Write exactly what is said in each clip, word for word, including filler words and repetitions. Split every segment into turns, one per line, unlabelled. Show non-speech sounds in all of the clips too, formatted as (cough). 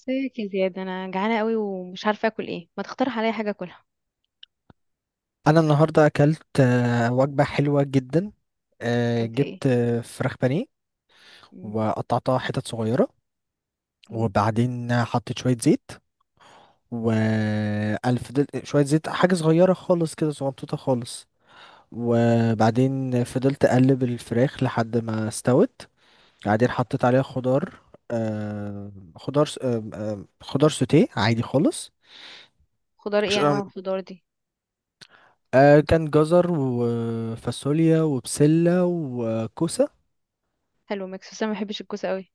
ازيك يا زياد؟ انا جعانه قوي ومش عارفه اكل ايه. ما تقترح عليا حاجه اكلها؟
انا النهارده اكلت آه، وجبه حلوه جدا. آه،
اكلت ايه؟
جبت آه، فراخ بانيه،
مم.
وقطعتها حتت صغيره،
مم.
وبعدين حطيت شويه زيت. وقال فضلت شويه زيت، حاجه صغيره خالص كده، صغنطوطه خالص. وبعدين فضلت اقلب الفراخ لحد ما استوت. بعدين حطيت عليها خضار، آه، خضار س- آه، آه، خضار سوتيه عادي خالص.
خضار
ش-
ايه؟ انواع الخضار دي؟
آه، كان جزر وفاصوليا وبسله وكوسه.
حلو، ميكس. بس انا ما بحبش الكوسه قوي.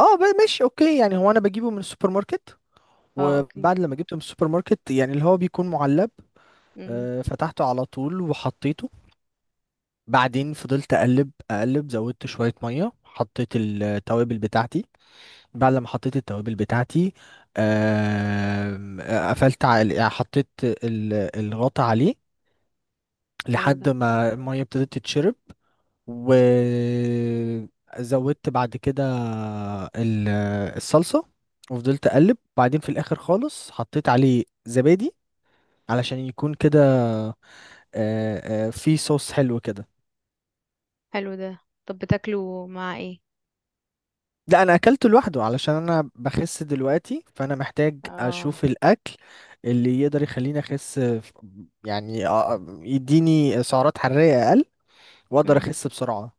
اه ب- ماشي، اوكي، يعني هو انا بجيبه من السوبر ماركت،
اه، اوكي.
وبعد لما جبته من السوبر ماركت يعني اللي هو بيكون معلب.
مم.
آه، فتحته على طول وحطيته. بعدين فضلت اقلب اقلب، زودت شوية مية، حطيت التوابل بتاعتي. بعد لما حطيت التوابل بتاعتي، آم، آه، قفلت على، يعني حطيت ال- الغطا عليه
حلو ده.
لحد ما المية ابتدت تتشرب. وزودت بعد كده ال- الصلصة، وفضلت اقلب. بعدين في الاخر خالص حطيت عليه زبادي علشان يكون كده آه، آه، في صوص حلو كده.
حلو ده. طب بتاكله مع ايه؟
لا، انا اكلته لوحده علشان انا بخس دلوقتي، فانا محتاج
اه.
اشوف الاكل اللي يقدر يخليني اخس، ف- يعني آه، يديني سعرات حرارية اقل، واقدر
مم.
اخس بسرعة.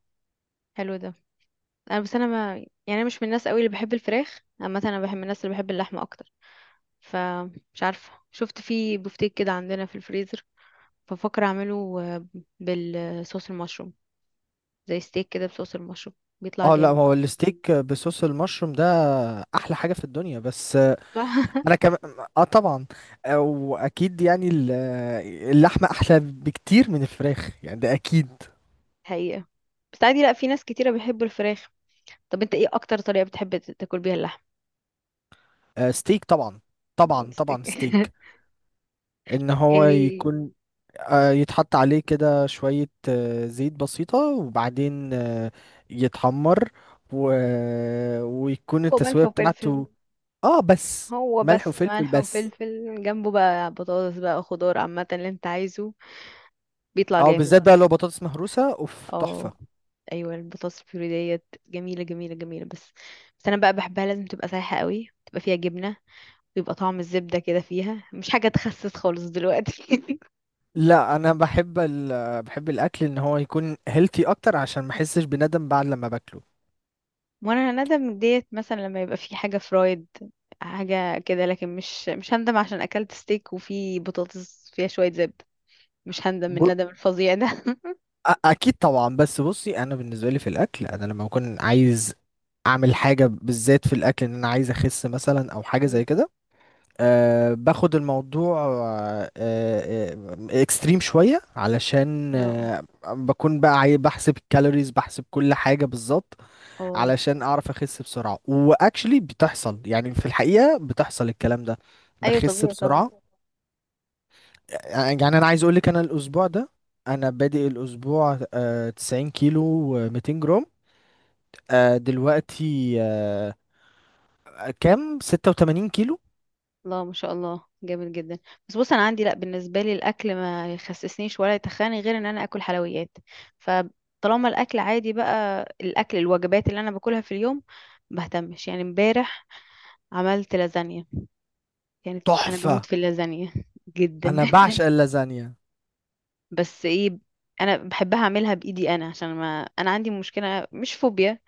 حلو ده. انا بس انا، ما يعني، أنا مش من الناس قوي اللي بحب الفراخ عامه. انا بحب من الناس اللي بحب اللحمه اكتر. فمش عارفه، شفت فيه بفتيك كده عندنا في الفريزر. بفكر اعمله آه، بالصوص المشروم. زي ستيك كده بصوص المشروم. بيطلع
اه، لا،
جامد.
هو الستيك بصوص المشروم ده احلى حاجة في الدنيا، بس
صح.
انا كمان. اه، طبعا. آه، واكيد يعني ال- اللحمه احلى بكتير من الفراخ، يعني ده اكيد.
(laughs) حقيقة. بس عادي، لا، في ناس كتيرة بيحبوا الفراخ. طب انت ايه اكتر طريقة بتحب ت- تاكل بيها اللحم؟
آه، ستيك طبعا. طبعا طبعا ستيك.
(laughs)
ان هو
يعني
يكون آه، يتحط عليه كده شويه آه، زيت بسيطه، وبعدين آه، يتحمر و... ويكون
هو ملح
التسويه
وفلفل.
بتاعته. اه، بس.
هو
ملح
بس
وفلفل
ملح
بس.
وفلفل، جنبه بقى بطاطس بقى خضار عامة اللي انت عايزه. بيطلع
اه،
جامد.
بالذات بقى لو بطاطس مهروسه، اوف
اه.
تحفه.
ايوه، البطاطس البيوري ديت جميلة جميلة جميلة. بس بس انا بقى بحبها لازم تبقى سايحة قوي، تبقى فيها جبنة. ويبقى طعم الزبدة كده فيها. مش حاجة تخسس خالص دلوقتي. (laughs)
لا، انا بحب ال... بحب الاكل ان هو يكون هيلثي اكتر عشان ما احسش بندم بعد لما باكله.
وانا هندم ديت مثلا لما يبقى في حاجه فرايد، حاجه كده. لكن مش مش هندم عشان اكلت ستيك وفي بطاطس فيها شويه زبده. مش هندم من
ب...
الندم الفظيع ده.
أ- اكيد طبعا. بس بصي، انا بالنسبه لي في الاكل، انا لما بكون عايز اعمل حاجه بالذات في الاكل ان انا عايز اخس مثلا او
(laughs)
حاجه
مم.
زي كده، أه باخد الموضوع اكستريم شوية، علشان
اه.
أه بكون بقى عاي- بحسب الكالوريز، بحسب كل حاجة بالظبط،
اه.
علشان اعرف اخس بسرعة. واكشلي بتحصل، يعني في الحقيقة بتحصل الكلام ده،
ايوه،
بخس
طبيعي طبعا.
بسرعة. آه، يعني انا عايز اقولك، انا الاسبوع ده، انا بادئ الاسبوع أه تسعين كيلو و200 جرام، أه دلوقتي أه كام، ستة وتمانين كيلو.
لا، ما شاء الله، جامد جدا. بس بص، انا عندي، لا، بالنسبه لي الاكل ما يخسسنيش ولا يتخاني غير ان انا اكل حلويات. فطالما الاكل عادي، بقى الاكل الوجبات اللي انا باكلها في اليوم بهتمش. يعني امبارح عملت لازانيا. كانت، انا بموت
تحفة.
في اللازانيا جدا.
انا
(laughs)
بعشق اللازانيا.
بس ايه، انا بحبها اعملها بايدي انا، عشان ما انا عندي مشكله، مش فوبيا.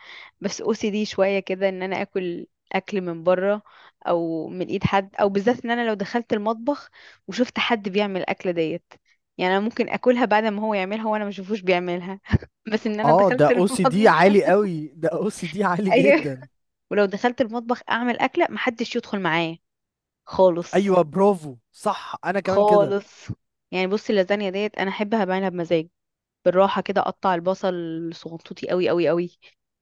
بس او سي دي شويه كده، ان انا اكل اكل من بره، او من ايد حد. او بالذات ان انا لو دخلت المطبخ وشفت حد بيعمل الاكله ديت، يعني انا ممكن اكلها بعد ما هو يعملها وانا ما اشوفوش بيعملها. (laughs) بس ان انا
اه، ده
دخلت
او سي دي
المطبخ. (laughs)
عالي قوي، ده او سي دي عالي
ايوه.
جدا.
ولو دخلت المطبخ اعمل اكله محدش يدخل معايا خالص.
ايوه، برافو، صح، انا كمان كده.
خالص. يعني بصي، اللازانيا ديت انا احبها بعملها بمزاج، بالراحه كده. اقطع البصل صغنطوطي قوي قوي قوي،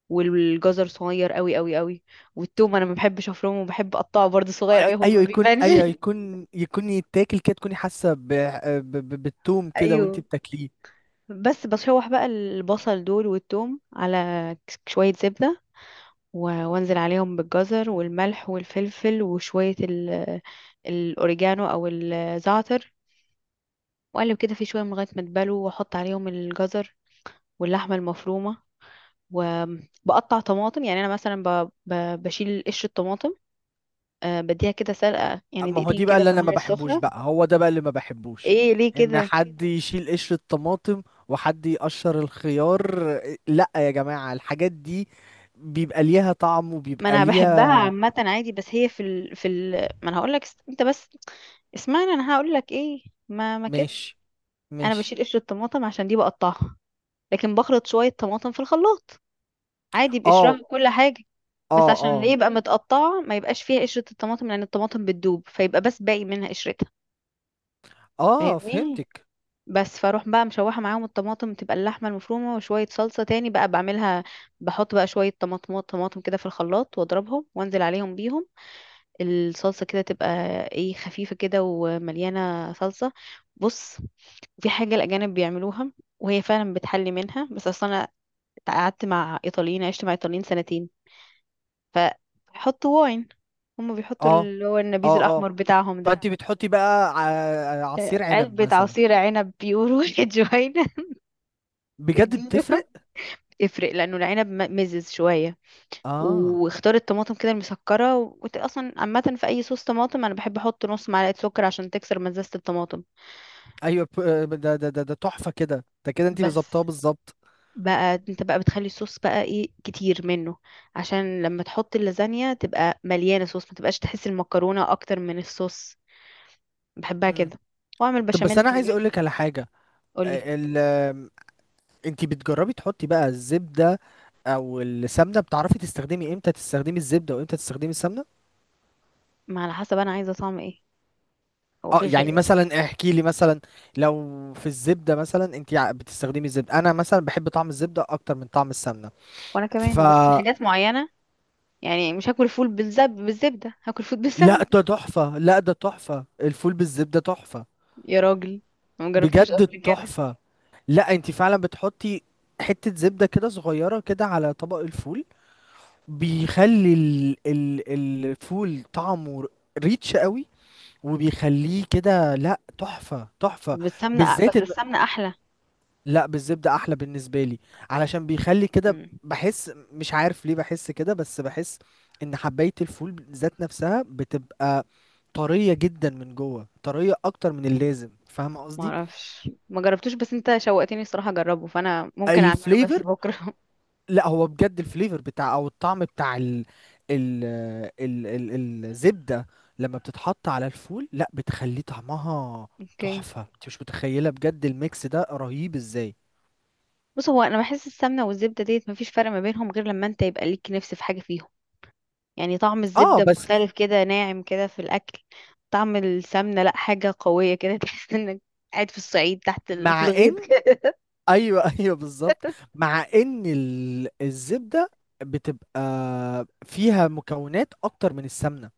والجزر صغير قوي قوي قوي. والثوم، انا ما بحبش افرمه وبحب اقطعه برضه صغير
أي-
قوي، هو ما
ايوه يكون،
بيبانش.
ايوه
(laughs)
يكون، يكون يتاكل كده، تكوني حاسه ب- ب- ب- بالتوم كده وانتي
ايوه.
بتاكليه.
بس بشوح بقى البصل دول والثوم على شويه زبده. و- وانزل عليهم بالجزر والملح والفلفل وشويه ال- الاوريجانو او الزعتر، واقلب كده في شويه من لغايه ما تبلوا، واحط عليهم الجزر واللحمه المفرومه. وبقطع طماطم. يعني انا مثلا ب... ب... بشيل قشر الطماطم. أه، بديها كده سلقه، يعني
ما هو
دقيقتين
دي بقى
كده
اللي
في
انا ما
الميه
بحبوش،
السخنه.
بقى هو ده بقى اللي ما بحبوش،
ايه ليه
ان
كده؟
حد يشيل قشر الطماطم وحد يقشر الخيار. لا يا جماعه، الحاجات دي بيبقى ليها طعم
ما
وبيبقى
انا بحبها
ليها.
عامه عادي، بس هي في ال... في ال... ما انا هقول لك، انت بس اسمعني، انا هقول لك ايه. ما ما كده.
ماشي،
انا
ماشي.
بشيل قشر الطماطم عشان دي بقطعها، لكن بخلط شويه طماطم في الخلاط عادي،
اه،
بقشرها كل حاجه. بس
اه،
عشان اللي
اه،
يبقى متقطعه ما يبقاش فيها قشره الطماطم، لان الطماطم بتدوب فيبقى بس باقي منها قشرتها.
اه،
فاهمني؟
فهمتك.
بس فاروح بقى مشوحه معاهم الطماطم، تبقى اللحمه المفرومه وشويه صلصه تاني بقى بعملها. بحط بقى شويه طماطمات طماطم كده في الخلاط واضربهم وانزل عليهم بيهم. الصلصه كده تبقى ايه؟ خفيفه كده ومليانه صلصه. بص، في حاجه الاجانب بيعملوها وهي فعلا بتحلي منها. بس اصلا انا قعدت مع ايطاليين، عشت مع ايطاليين سنتين. فحطوا واين، هم بيحطوا
اه،
اللي هو النبيذ
اه، اه.
الاحمر بتاعهم ده.
فانت بتحطي بقى ع-
آه،
عصير عنب
علبة
مثلا.
عصير عنب بيقولوا. (laughs) جوينا. (laughs)
بجد
اديله
بتفرق.
يفرق، لانه العنب م- مزز شويه.
اه،
واختار الطماطم كده المسكره. وانت اصلا عامه في اي صوص طماطم انا بحب احط نص معلقه سكر عشان تكسر مزازه الطماطم.
ايوه، ب- ده ده ده ده تحفه كده، ده كده انت
بس
ظبطها بالظبط.
بقى انت بقى بتخلي الصوص بقى ايه؟ كتير منه، عشان لما تحط اللازانيا تبقى مليانه صوص، ما تبقاش تحس المكرونه اكتر من الصوص. بحبها
مم.
كده. واعمل
طب بس
بشاميل
انا
من
عايز اقول
جنب.
لك على حاجه.
قولي.
ال انت بتجربي تحطي بقى الزبده او السمنه؟ بتعرفي تستخدمي امتى تستخدمي الزبده وامتى تستخدمي السمنه؟
ما على حسب انا عايزه طعم ايه. هو
اه،
في خ...
يعني مثلا احكي لي مثلا، لو في الزبده مثلا، انت بتستخدمي الزبده. انا مثلا بحب طعم الزبده اكتر من طعم السمنه.
وانا كمان، بس في حاجات معينه. يعني مش هاكل فول بالزب بالزبده، هاكل فول
لا،
بالسمنه.
ده تحفة، لا، ده تحفة، الفول بالزبدة تحفة.
يا راجل، ما جربتوش
بجد
قبل كده؟
تحفة. لا، انت فعلا بتحطي حتة زبدة كده صغيرة كده على طبق الفول، بيخلي ال ال الفول طعمه ريتش قوي، وبيخليه كده، لا تحفة، تحفة.
طب السمنة،
بالذات
بس
ان،
السمنة أحلى.
لا بالزبدة احلى بالنسبة لي، علشان بيخلي كده،
مم.
بحس مش عارف ليه، بحس كده، بس بحس ان حباية الفول ذات نفسها بتبقى طرية جدا من جوه، طرية اكتر من اللازم. فاهم
ما
قصدي؟
اعرفش، ما جربتوش، بس انت شوقتني الصراحة اجربه. فانا ممكن اعمله بس
الفليفر،
بكرة.
لا هو بجد الفليفر بتاع، او الطعم بتاع ال ال ال ال الزبدة لما بتتحط على الفول، لا بتخليه طعمها
(laughs) اوكي.
تحفة، انت مش متخيلة بجد الميكس ده رهيب ازاي.
بص، هو انا بحس السمنة والزبدة ديت مفيش فرق ما بينهم، غير لما انت يبقى ليك نفس في حاجة فيهم. يعني طعم
اه،
الزبدة
بس،
مختلف كده، ناعم كده في الاكل. طعم السمنة، لا، حاجة قوية كده. (laughs) تحس انك قاعد في الصعيد تحت ال... في
مع ان،
الغيط كده.
ايوه (laughs) ايوه بالظبط. مع ان ال- الزبده بتبقى فيها مكونات اكتر من السمنه،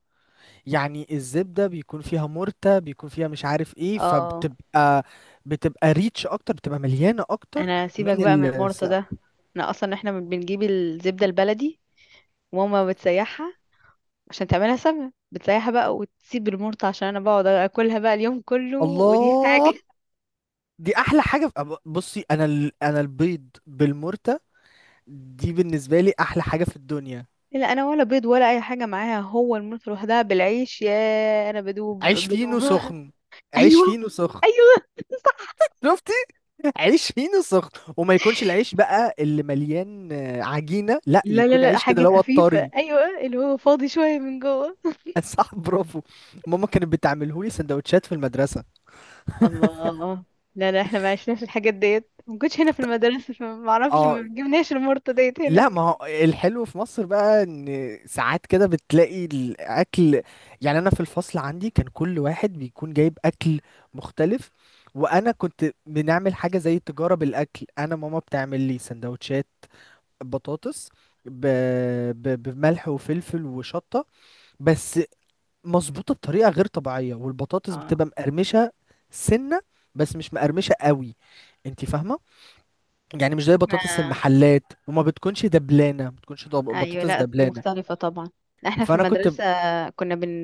يعني الزبده بيكون فيها مرتة، بيكون فيها مش عارف ايه،
اه.
فبتبقى، بتبقى ريتش اكتر، بتبقى مليانه اكتر
انا سيبك
من
بقى من
ال
المرطة ده. انا اصلا، احنا بنجيب الزبدة البلدي وماما بتسيحها عشان تعملها سمنة. بتسيحها بقى وتسيب المرط، عشان انا بقعد اكلها بقى اليوم كله ودي (laughs)
الله،
حاجة.
دي احلى حاجه في... بصي، انا ال... انا البيض بالمرتة دي بالنسبه لي احلى حاجه في الدنيا.
لا، انا ولا بيض ولا اي حاجة معاها، هو المرط لوحدها بالعيش يا. انا بدوب
عيش فينو
بدوب.
سخن.
(laughs)
عيش
ايوه.
فينو سخن.
ايوه.
شفت؟ عيش فينو سخن، وما يكونش العيش بقى اللي مليان آه، عجينه، لا،
لا لا
يكون
لا،
عيش كده
حاجة
اللي هو
خفيفة،
الطري.
ايوه اللي هو فاضي شوية من جوه.
(laughs) صح، برافو. ماما كانت بتعمله لي سندوتشات في المدرسه.
الله. لا لا، احنا ما عشناش الحاجات ديت، ما كنتش هنا في المدرسة، فما اعرفش، ما
اه،
جبناش المرطة ديت
لا،
هناك.
ما هو الحلو في مصر بقى ان ساعات كده بتلاقي الاكل، يعني انا في الفصل عندي كان كل واحد بيكون جايب اكل مختلف. وانا كنت بنعمل حاجه زي تجاره بالاكل. انا ماما بتعمل لي سندوتشات بطاطس ب... ب... بملح وفلفل وشطه بس، مظبوطه بطريقه غير طبيعيه، والبطاطس بتبقى
اه.
مقرمشه، سنه، بس مش مقرمشه قوي. انت فاهمه؟ يعني مش زي بطاطس
احنا،
المحلات، وما بتكونش دبلانه، ما بتكونش دب...
ايوه،
بطاطس
لا،
دبلانه.
مختلفة طبعا. احنا في
فانا كنت ب...
المدرسة كنا بن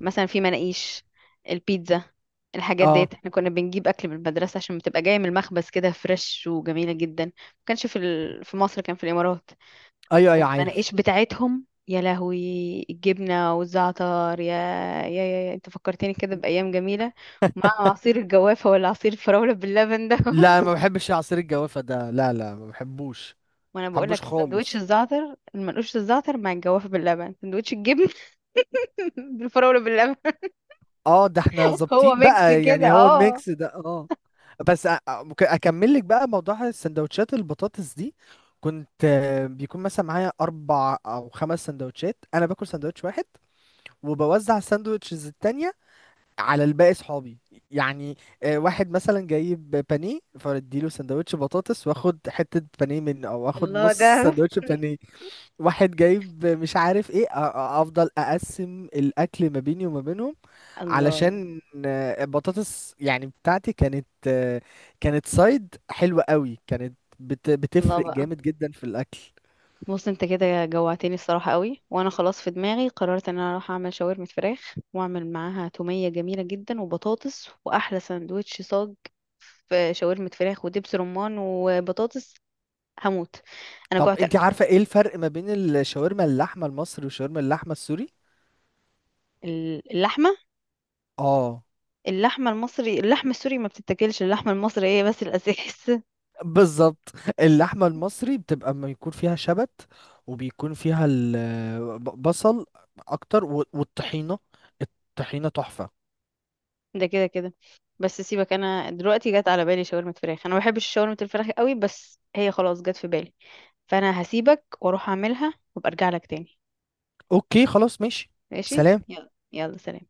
مثلا في مناقيش، البيتزا، الحاجات
اه،
ديت احنا كنا بنجيب اكل من المدرسه، عشان بتبقى جايه من المخبز كده فريش وجميله جدا. ما كانش في ال... في مصر، كان في الامارات.
ايوه، ايوه، عارف.
المناقيش بتاعتهم يا لهوي، الجبنه والزعتر يا، يا يا، يا. انت فكرتني كده بايام جميله، مع عصير الجوافه ولا عصير الفراوله باللبن ده.
لا، ما
(laughs)
بحبش عصير الجوافه ده، لا، لا، ما بحبوش.
وانا
ما
بقول
بحبوش
لك السندوتش
خالص.
الزعتر، المنقوش الزعتر مع الجوافه باللبن، سندوتش الجبن. (laughs) بالفراوله باللبن.
اه، ده احنا
هو
ظابطين
ميكس
بقى،
كده،
يعني هو
اه.
الميكس ده، اه. بس أ- أ- ممكن اكمل لك بقى موضوع السندوتشات البطاطس دي. كنت آه، بيكون مثلا معايا اربع او خمس سندوتشات، انا باكل سندوتش واحد، وبوزع الساندوتشز التانية على الباقي صحابي. يعني آه، واحد مثلا جايب بانيه، فاديله سندوتش بطاطس واخد حتة بانيه منه، او اخد
الله
نص
ده.
سندوتش بانيه. واحد جايب مش عارف ايه، أ- أ- افضل اقسم الاكل ما بيني وما بينهم،
الله.
علشان آه، البطاطس يعني بتاعتي كانت آه، كانت سايد حلوة قوي، كانت بت-
الله
بتفرق
بقى.
جامد جدا في الأكل.
بص، انت كده جوعتني الصراحة قوي، وانا خلاص في دماغي قررت ان انا اروح اعمل شاورما فراخ واعمل معاها تومية جميلة جدا وبطاطس، واحلى سندوتش صاج في شاورما فراخ ودبس رمان وبطاطس. هموت. انا
طب
جوعت
انت
قوي.
عارفة ايه الفرق ما بين الشاورما اللحمة المصري وشاورما اللحمة السوري؟
ال- اللحمة.
اه،
اللحمة المصري، اللحمة السوري ما بتتاكلش اللحمة المصرية، بس الاساس
بالظبط. اللحمة المصري بتبقى ما يكون فيها شبت، وبيكون فيها البصل اكتر، و- والطحينة، الطحينة تحفة.
ده كده كده. بس سيبك، انا دلوقتي جت على بالي شاورما فراخ. انا ما بحبش شاورما الفراخ قوي بس هي خلاص جت في بالي، فانا هسيبك واروح اعملها وابقى ارجع لك تاني.
اوكي، خلاص، ماشي.
ماشي،
سلام.
يلا يلا، سلام.